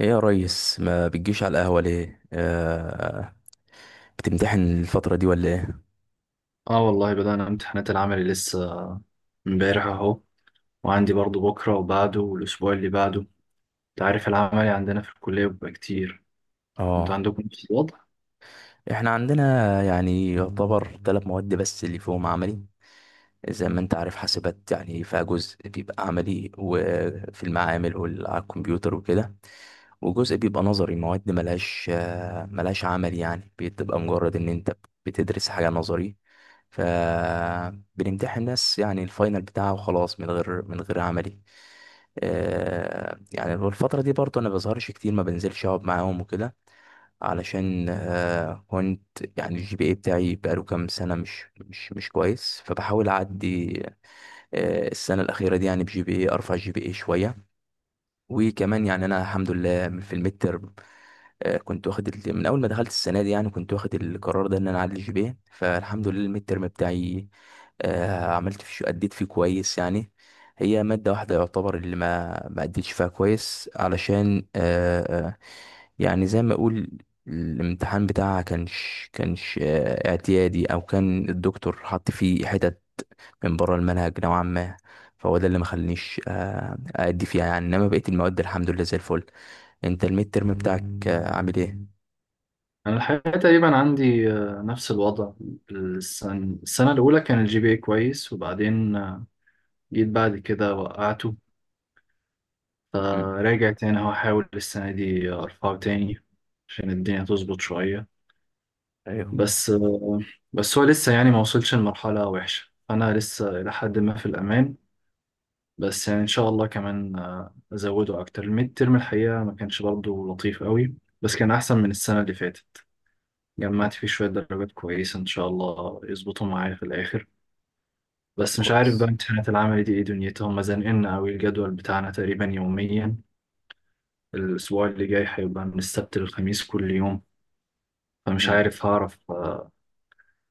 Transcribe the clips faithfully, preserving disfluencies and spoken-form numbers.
ايه يا ريس، ما بتجيش على القهوة ليه؟ آه بتمتحن الفترة دي ولا ايه؟ اه والله بدأنا امتحانات العمل لسه امبارح اهو، وعندي برضو بكرة وبعده والأسبوع اللي بعده. انت عارف العملي عندنا في الكلية بيبقى كتير. انتوا اه. عندكم نفس الوضع؟ احنا عندنا، يعني يعتبر ثلاث مواد بس اللي فيهم عملي. زي ما انت عارف، حاسبات يعني فيها جزء بيبقى عملي وفي المعامل وعلى الكمبيوتر وكده، وجزء بيبقى نظري. مواد ملهاش آه، ملهاش عمل، يعني بتبقى مجرد ان انت بتدرس حاجة نظري. فبنمتحن ناس يعني الفاينل بتاعها وخلاص من غير من غير عملي. آه، يعني في الفترة دي برضه أنا بظهرش كتير، ما بنزلش أقعد معاهم وكده، علشان آه، كنت، يعني الجي بي اي بتاعي بقاله كام سنة مش مش مش كويس، فبحاول أعدي. آه، السنة الأخيرة دي يعني بجي بي اي، أرفع جي بي اي شوية. وكمان يعني انا الحمد لله في الميد تيرم، آه، كنت واخد ال- من اول ما دخلت السنه دي، يعني كنت واخد القرار ده ان انا اعلي جي. فالحمد لله الميد تيرم بتاعي، آه، عملت فيه اديت فيه كويس يعني. هي ماده واحده يعتبر اللي ما ما اديتش فيها كويس، علشان آه، آه، يعني زي ما اقول، الامتحان بتاعها كانش كانش آه، اعتيادي، او كان الدكتور حط فيه حتت من بره المنهج نوعا ما. فهو ده اللي ما خلانيش آه، أدي فيها يعني، إنما بقية المواد الحمد لله زي الفل. أنت الميد ترم بتاعك آه، عامل إيه؟ أنا الحقيقة تقريبا عندي آه، نفس الوضع. السنة, السنة الأولى كان الجي بي اي كويس، وبعدين آه، جيت بعد كده وقعته، مم. فراجع تاني اهو أحاول السنة دي أرفعه تاني عشان الدنيا تظبط شوية. ايوه، مم. بس آه، بس هو لسه يعني ما وصلش لمرحلة وحشة، أنا لسه إلى حد ما في الأمان. بس يعني ان شاء الله كمان آه، ازوده اكتر. الميد ترم الحقيقه ما كانش برضه لطيف قوي، بس كان احسن من السنه اللي فاتت. جمعت فيه شويه درجات كويسه ان شاء الله يظبطوا معايا في الاخر. طب بس مش عارف بقى كويس. امتحانات العمل دي ايه دنيتها. هم زنقلنا قوي، الجدول بتاعنا تقريبا يوميا. الاسبوع اللي جاي هيبقى من السبت للخميس كل يوم، فمش مم. عارف هعرف آه،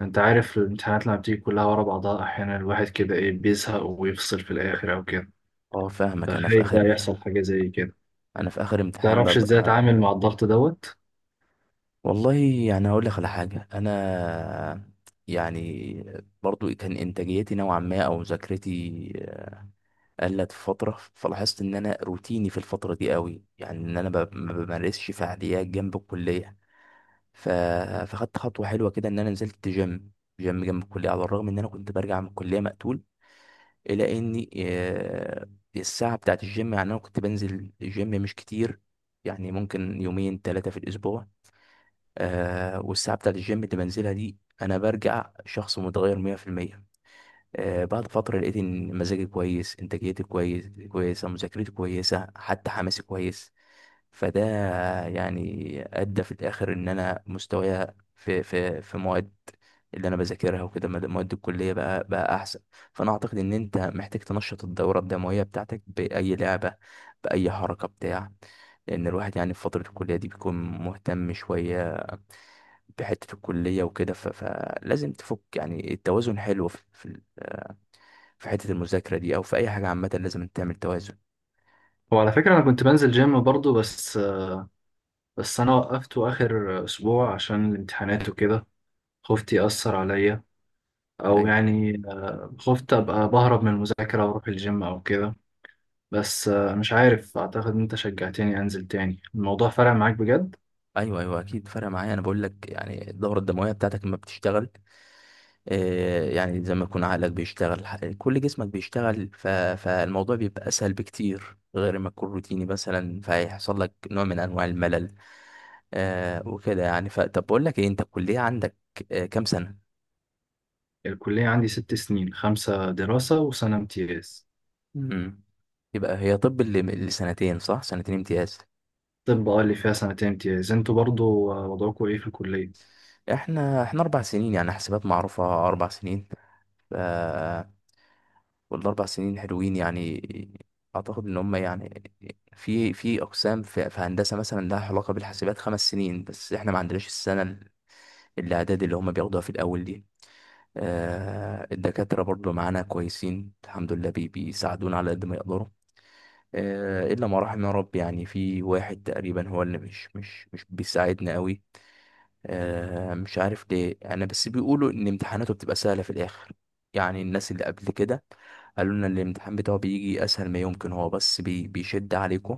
انت عارف الامتحانات لما بتيجي كلها ورا بعضها احيانا الواحد كده ايه بيزهق ويفصل في الاخر او كده. اه، فاهمك. انا في فخايف بقى اخر يحصل حاجه زي كده. انا في اخر امتحان تعرفش ازاي ببقى، اتعامل مع الضغط دوت. والله. يعني هقول لك على حاجه انا، يعني برضو كان انتاجيتي نوعا ما، او مذاكرتي قلت في فتره، فلاحظت ان انا روتيني في الفتره دي قوي، يعني ان انا ب- ما بمارسش فعاليات جنب الكليه. ف... فخدت خطوه حلوه كده، ان انا نزلت جيم جيم جنب الكليه، على الرغم ان انا كنت برجع من الكليه مقتول، الا اني آه، الساعه بتاعه الجيم، يعني انا كنت بنزل الجيم مش كتير، يعني ممكن يومين ثلاثه في الاسبوع. آه، والساعه بتاعه الجيم اللي بنزلها دي انا برجع شخص متغير مية في المية. آه، بعد فترة لقيت إن مزاجي كويس، إنتاجيتي كويس كويسة، مذاكرتي كويسة، حتى حماسي كويس. فده يعني أدى في الآخر إن أنا مستوايا في في في مواد اللي أنا بذاكرها وكده، مد- مواد الكلية بقى بقى أحسن. فأنا أعتقد إن أنت محتاج تنشط الدورة الدموية بتاعتك بأي لعبة، بأي حركة بتاع. لأن الواحد يعني في فترة الكلية دي بيكون مهتم شوية بحتة الكلية وكده، ف- فلازم تفك، يعني التوازن حلو في في حتة المذاكرة دي، أو في أي حاجة عامة لازم أنت تعمل توازن. وعلى فكرة انا كنت بنزل جيم برضو، بس بس انا وقفته اخر اسبوع عشان الامتحانات وكده، خفت يأثر عليا او أيوه، يعني خفت ابقى بهرب من المذاكرة واروح الجيم او كده. بس مش عارف، اعتقد ان انت شجعتني انزل تاني، الموضوع فرق معاك بجد. أيوه، أيوه أكيد فرق معايا. أنا بقول لك يعني الدورة الدموية بتاعتك لما بتشتغل، آه، يعني زي ما يكون عقلك بيشتغل، ح- كل جسمك بيشتغل. ف... فالموضوع بيبقى أسهل بكتير غير ما تكون روتيني مثلا، فهيحصل لك نوع من أنواع الملل آه وكده يعني. فطب بقول لك إيه، أنت الكلية عندك آه كام سنة؟ الكلية عندي ست سنين، خمسة دراسة وسنة امتياز. مم. امم يبقى هي، طب اللي اللي سنتين صح؟ سنتين امتياز. طب اه، اللي فيها سنتين امتياز انتوا برضو وضعكم ايه في الكلية؟ احنا احنا أربع سنين، يعني حسابات معروفة أربع سنين. ف- والاربع سنين حلوين، يعني اعتقد ان هم يعني في في اقسام في, في هندسه مثلا لها علاقه بالحاسبات خمس سنين، بس احنا ما عندناش السنه الاعداد اللي هم بياخدوها في الاول دي. آه الدكاتره برضو معانا كويسين الحمد لله، بي بيساعدونا على قد ما يقدروا. آه الا ما رحم يا رب، يعني في واحد تقريبا هو اللي مش مش مش بيساعدنا قوي. آه، مش عارف ليه انا، بس بيقولوا ان امتحاناته بتبقى سهله في الاخر. يعني الناس اللي قبل كده قالوا لنا الامتحان بتاعه بيجي اسهل ما يمكن، هو بس بي بيشد عليكم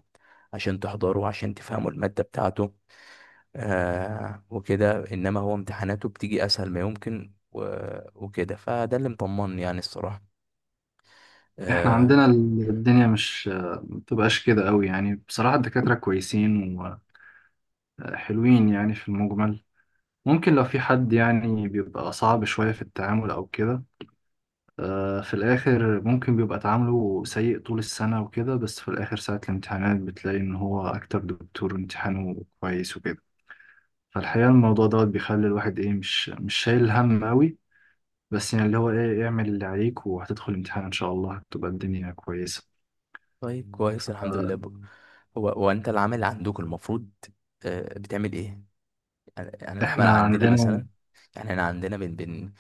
عشان تحضروا، عشان تفهموا الماده بتاعته آه وكده، انما هو امتحاناته بتيجي اسهل ما يمكن و- وكده. فده اللي مطمني يعني، الصراحه احنا آه. عندنا ال- الدنيا مش آه، ما بتبقاش كده قوي. يعني بصراحة الدكاترة كويسين وحلوين يعني في المجمل. ممكن لو في حد يعني بيبقى صعب شوية في التعامل أو كده، آه، في الآخر ممكن بيبقى تعامله سيء طول السنة وكده، بس في الآخر ساعة الامتحانات بتلاقي إن هو أكتر دكتور امتحانه كويس وكده. فالحقيقة الموضوع دوت بيخلي الواحد إيه، مش مش شايل هم قوي. بس يعني اللي هو إيه، اعمل اللي عليك وهتدخل امتحان إن شاء الله هتبقى الدنيا كويسة. طيب كويس، الحمد لله. آه، ب- هو هو انت العمل عندك، المفروض آه بتعمل ايه؟ يعني يعني العمل احنا عندنا عندنا مثلا، يعني احنا عندنا بن بن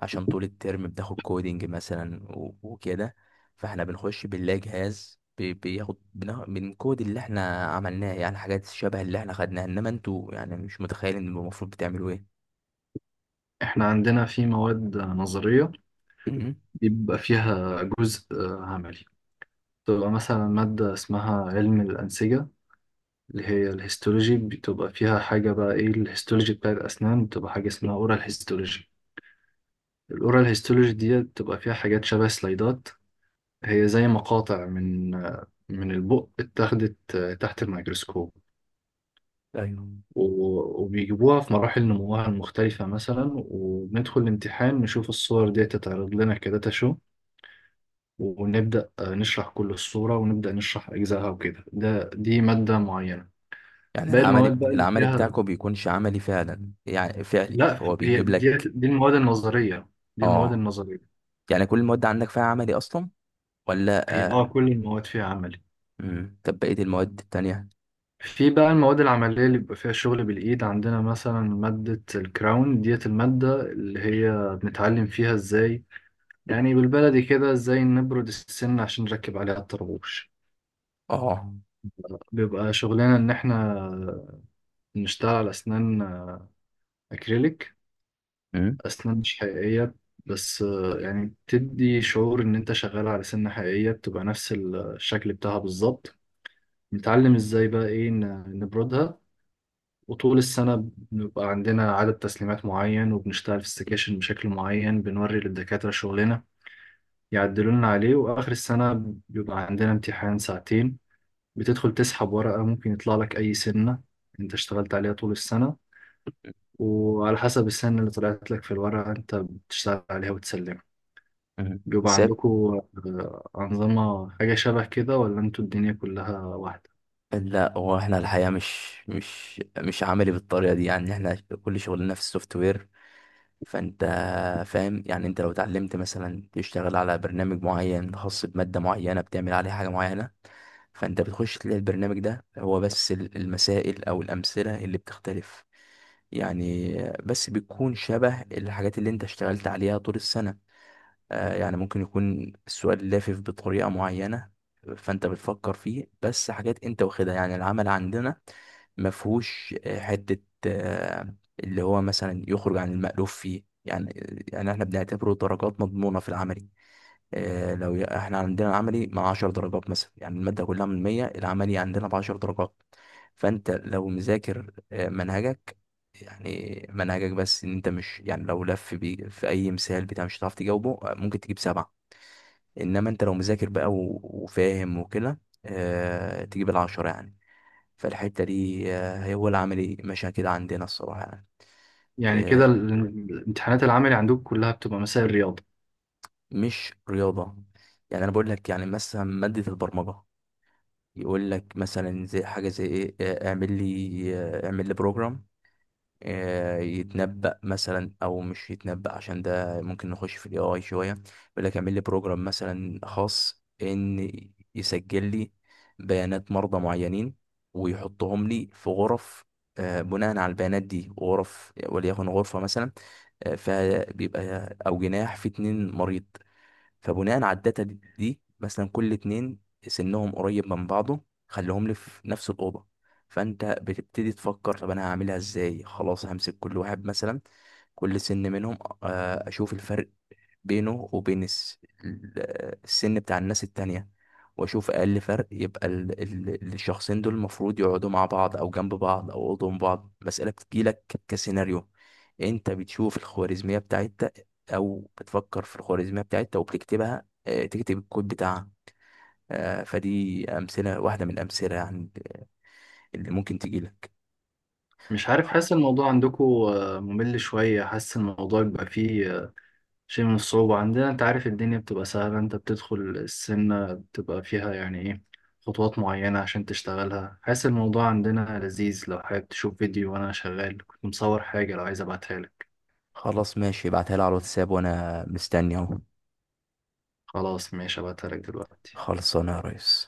عشان طول الترم بتاخد كودينج مثلا و- وكده. فاحنا بنخش بنلاقي جهاز بي- بياخد بنا- بنكود اللي احنا عملناه، يعني حاجات شبه اللي احنا خدناها. انما انتوا يعني مش متخيلين انه المفروض بتعملوا ايه. احنا عندنا في مواد نظرية مم. بيبقى فيها جزء آه، عملي. بتبقى مثلا مادة اسمها علم الأنسجة، اللي هي الهيستولوجي. بتبقى فيها حاجة بقى ايه، الهيستولوجي بتاع الأسنان بتبقى حاجة اسمها اورال هيستولوجي. الاورال هيستولوجي دي بتبقى فيها حاجات شبه سلايدات. هي زي مقاطع من آه، من البق اتاخدت آه، تحت الميكروسكوب. ايوه. و- وبيجيبوها في مراحل نموها المختلفة مثلا، وبندخل الامتحان نشوف الصور دي تتعرض لنا كداتا شو، ونبدأ آه، نشرح كل الصورة، ونبدأ نشرح أجزائها وكده. ده دي مادة معينة. يعني باقي العمل المواد بقى بت- اللي العمل فيها، بتاعكم بيكونش عملي فعلا يعني، فعلي لا، هو هي بيجيب دي لك. دي المواد النظرية. دي المواد اه. النظرية. يعني كل المواد عندك فيها عملي اصلا ولا؟ هي اه آه. كل المواد فيها عملي. مم. طب بقية المواد التانية؟ في بقى المواد العملية اللي بيبقى فيها شغل بالإيد. عندنا مثلا مادة الكراون ديت، المادة اللي هي بنتعلم فيها ازاي، يعني بالبلدي كده، ازاي نبرد السن عشان نركب عليها الطربوش. اه. بيبقى شغلنا ان احنا نشتغل على اسنان اكريليك، مم. أسنان مش حقيقية، بس آه، يعني بتدي شعور إن أنت شغال على سنة حقيقية، بتبقى نفس الشكل بتاعها بالظبط. بنتعلم إزاي بقى إيه ن- نبردها. وطول السنة بنبقى عندنا عدد تسليمات معين، وبنشتغل في السكاشن بشكل معين، بنوري للدكاترة شغلنا، يعدلولنا عليه. وآخر السنة بيبقى عندنا امتحان ساعتين، بتدخل تسحب ورقة، ممكن يطلع لك أي سنة أنت اشتغلت عليها طول السنة، وعلى حسب السنة اللي طلعت لك في الورقة أنت بتشتغل عليها وتسلمها. مم. بيبقى بالذات. عندكم آه، أنظمة حاجة شبه كده، ولا انتوا الدنيا كلها واحدة؟ لا، هو احنا الحقيقة مش مش مش عملي بالطريقة دي. يعني احنا كل شغلنا في السوفت وير، فانت فاهم، يعني انت لو اتعلمت مثلا تشتغل على برنامج معين خاص بمادة معينة، بتعمل عليه حاجة معينة، فانت بتخش تلاقي البرنامج ده هو بس، ال- المسائل او الأمثلة اللي بتختلف، يعني بس بتكون شبه الحاجات اللي انت اشتغلت عليها طول السنة. آه، يعني ممكن يكون السؤال لافف بطريقة معينة، فأنت بتفكر فيه. بس حاجات أنت واخدها، يعني العمل عندنا مفهوش آه، حتة آه، اللي هو مثلا يخرج عن المألوف فيه يعني. يعني احنا بنعتبره درجات مضمونة في العملي. آه، لو ي- احنا عندنا عملي مع عشرة درجات مثلا، يعني المادة كلها من مية، العملي عندنا ب عشرة درجات. فانت لو مذاكر آه، منهجك، يعني منهجك بس، ان انت مش، يعني لو لف بي في اي مثال بتاع مش هتعرف تجاوبه آه، ممكن تجيب سبعة، انما انت لو مذاكر بقى و- وفاهم وكده آه، تجيب العشرة يعني. فالحتة دي آه، هي هو العملي ماشية كده عندنا الصراحة يعني. يعني كده آه، ال- الامتحانات العملي عندكم كلها بتبقى مسائل رياضة؟ مش رياضة، يعني انا بقول لك يعني مثلا مادة البرمجة، يقول لك مثلا زي حاجة زي ايه، آه، اعمل لي آه، اعمل لي بروجرام آه، يتنبأ مثلا، او مش يتنبأ عشان ده ممكن نخش في الاي اي شوية. يقول لك اعمل لي بروجرام مثلا خاص ان يسجل لي بيانات مرضى معينين، ويحطهم لي في غرف آه، بناء على البيانات دي. غرف وليكن غرفة مثلا، آه، فبيبقى او جناح في اتنين مريض. فبناء على الداتا دي, دي مثلا، كل اتنين سنهم قريب من بعضه خليهم لي في نفس الأوضة. فأنت بتبتدي تفكر، طب أنا هعملها إزاي؟ خلاص همسك كل واحد مثلا، كل سن منهم آه، أشوف الفرق بينه وبين الس- ال- السن بتاع الناس التانية، واشوف اقل فرق يبقى ال- ال- الشخصين دول المفروض يقعدوا مع بعض او جنب بعض او قدام بعض. مسألة بتجيلك كسيناريو، انت بتشوف الخوارزمية بتاعتك او بتفكر في الخوارزمية بتاعتك وبتكتبها، آه، تكتب الكود بتاعها. آه، فدي امثلة واحدة من الامثلة يعني، اللي ممكن تجيلك. مش عارف، خ- حاسس الموضوع عندكم آه، ممل شوية، حاسس الموضوع بيبقى فيه آه، شيء من الصعوبة. عندنا انت عارف الدنيا بتبقى سهلة، انت بتدخل السنة بتبقى فيها يعني ايه، خطوات معينة عشان تشتغلها. حاسس الموضوع عندنا لذيذ. لو حابب تشوف فيديو، وأنا شغال كنت مصور حاجة، لو عايز أبعتها لك. خلاص ماشي، ابعتها لي على الواتساب وانا مستني اهو. خلاص ماشي، أبعتها لك دلوقتي. خلصانه يا ريس.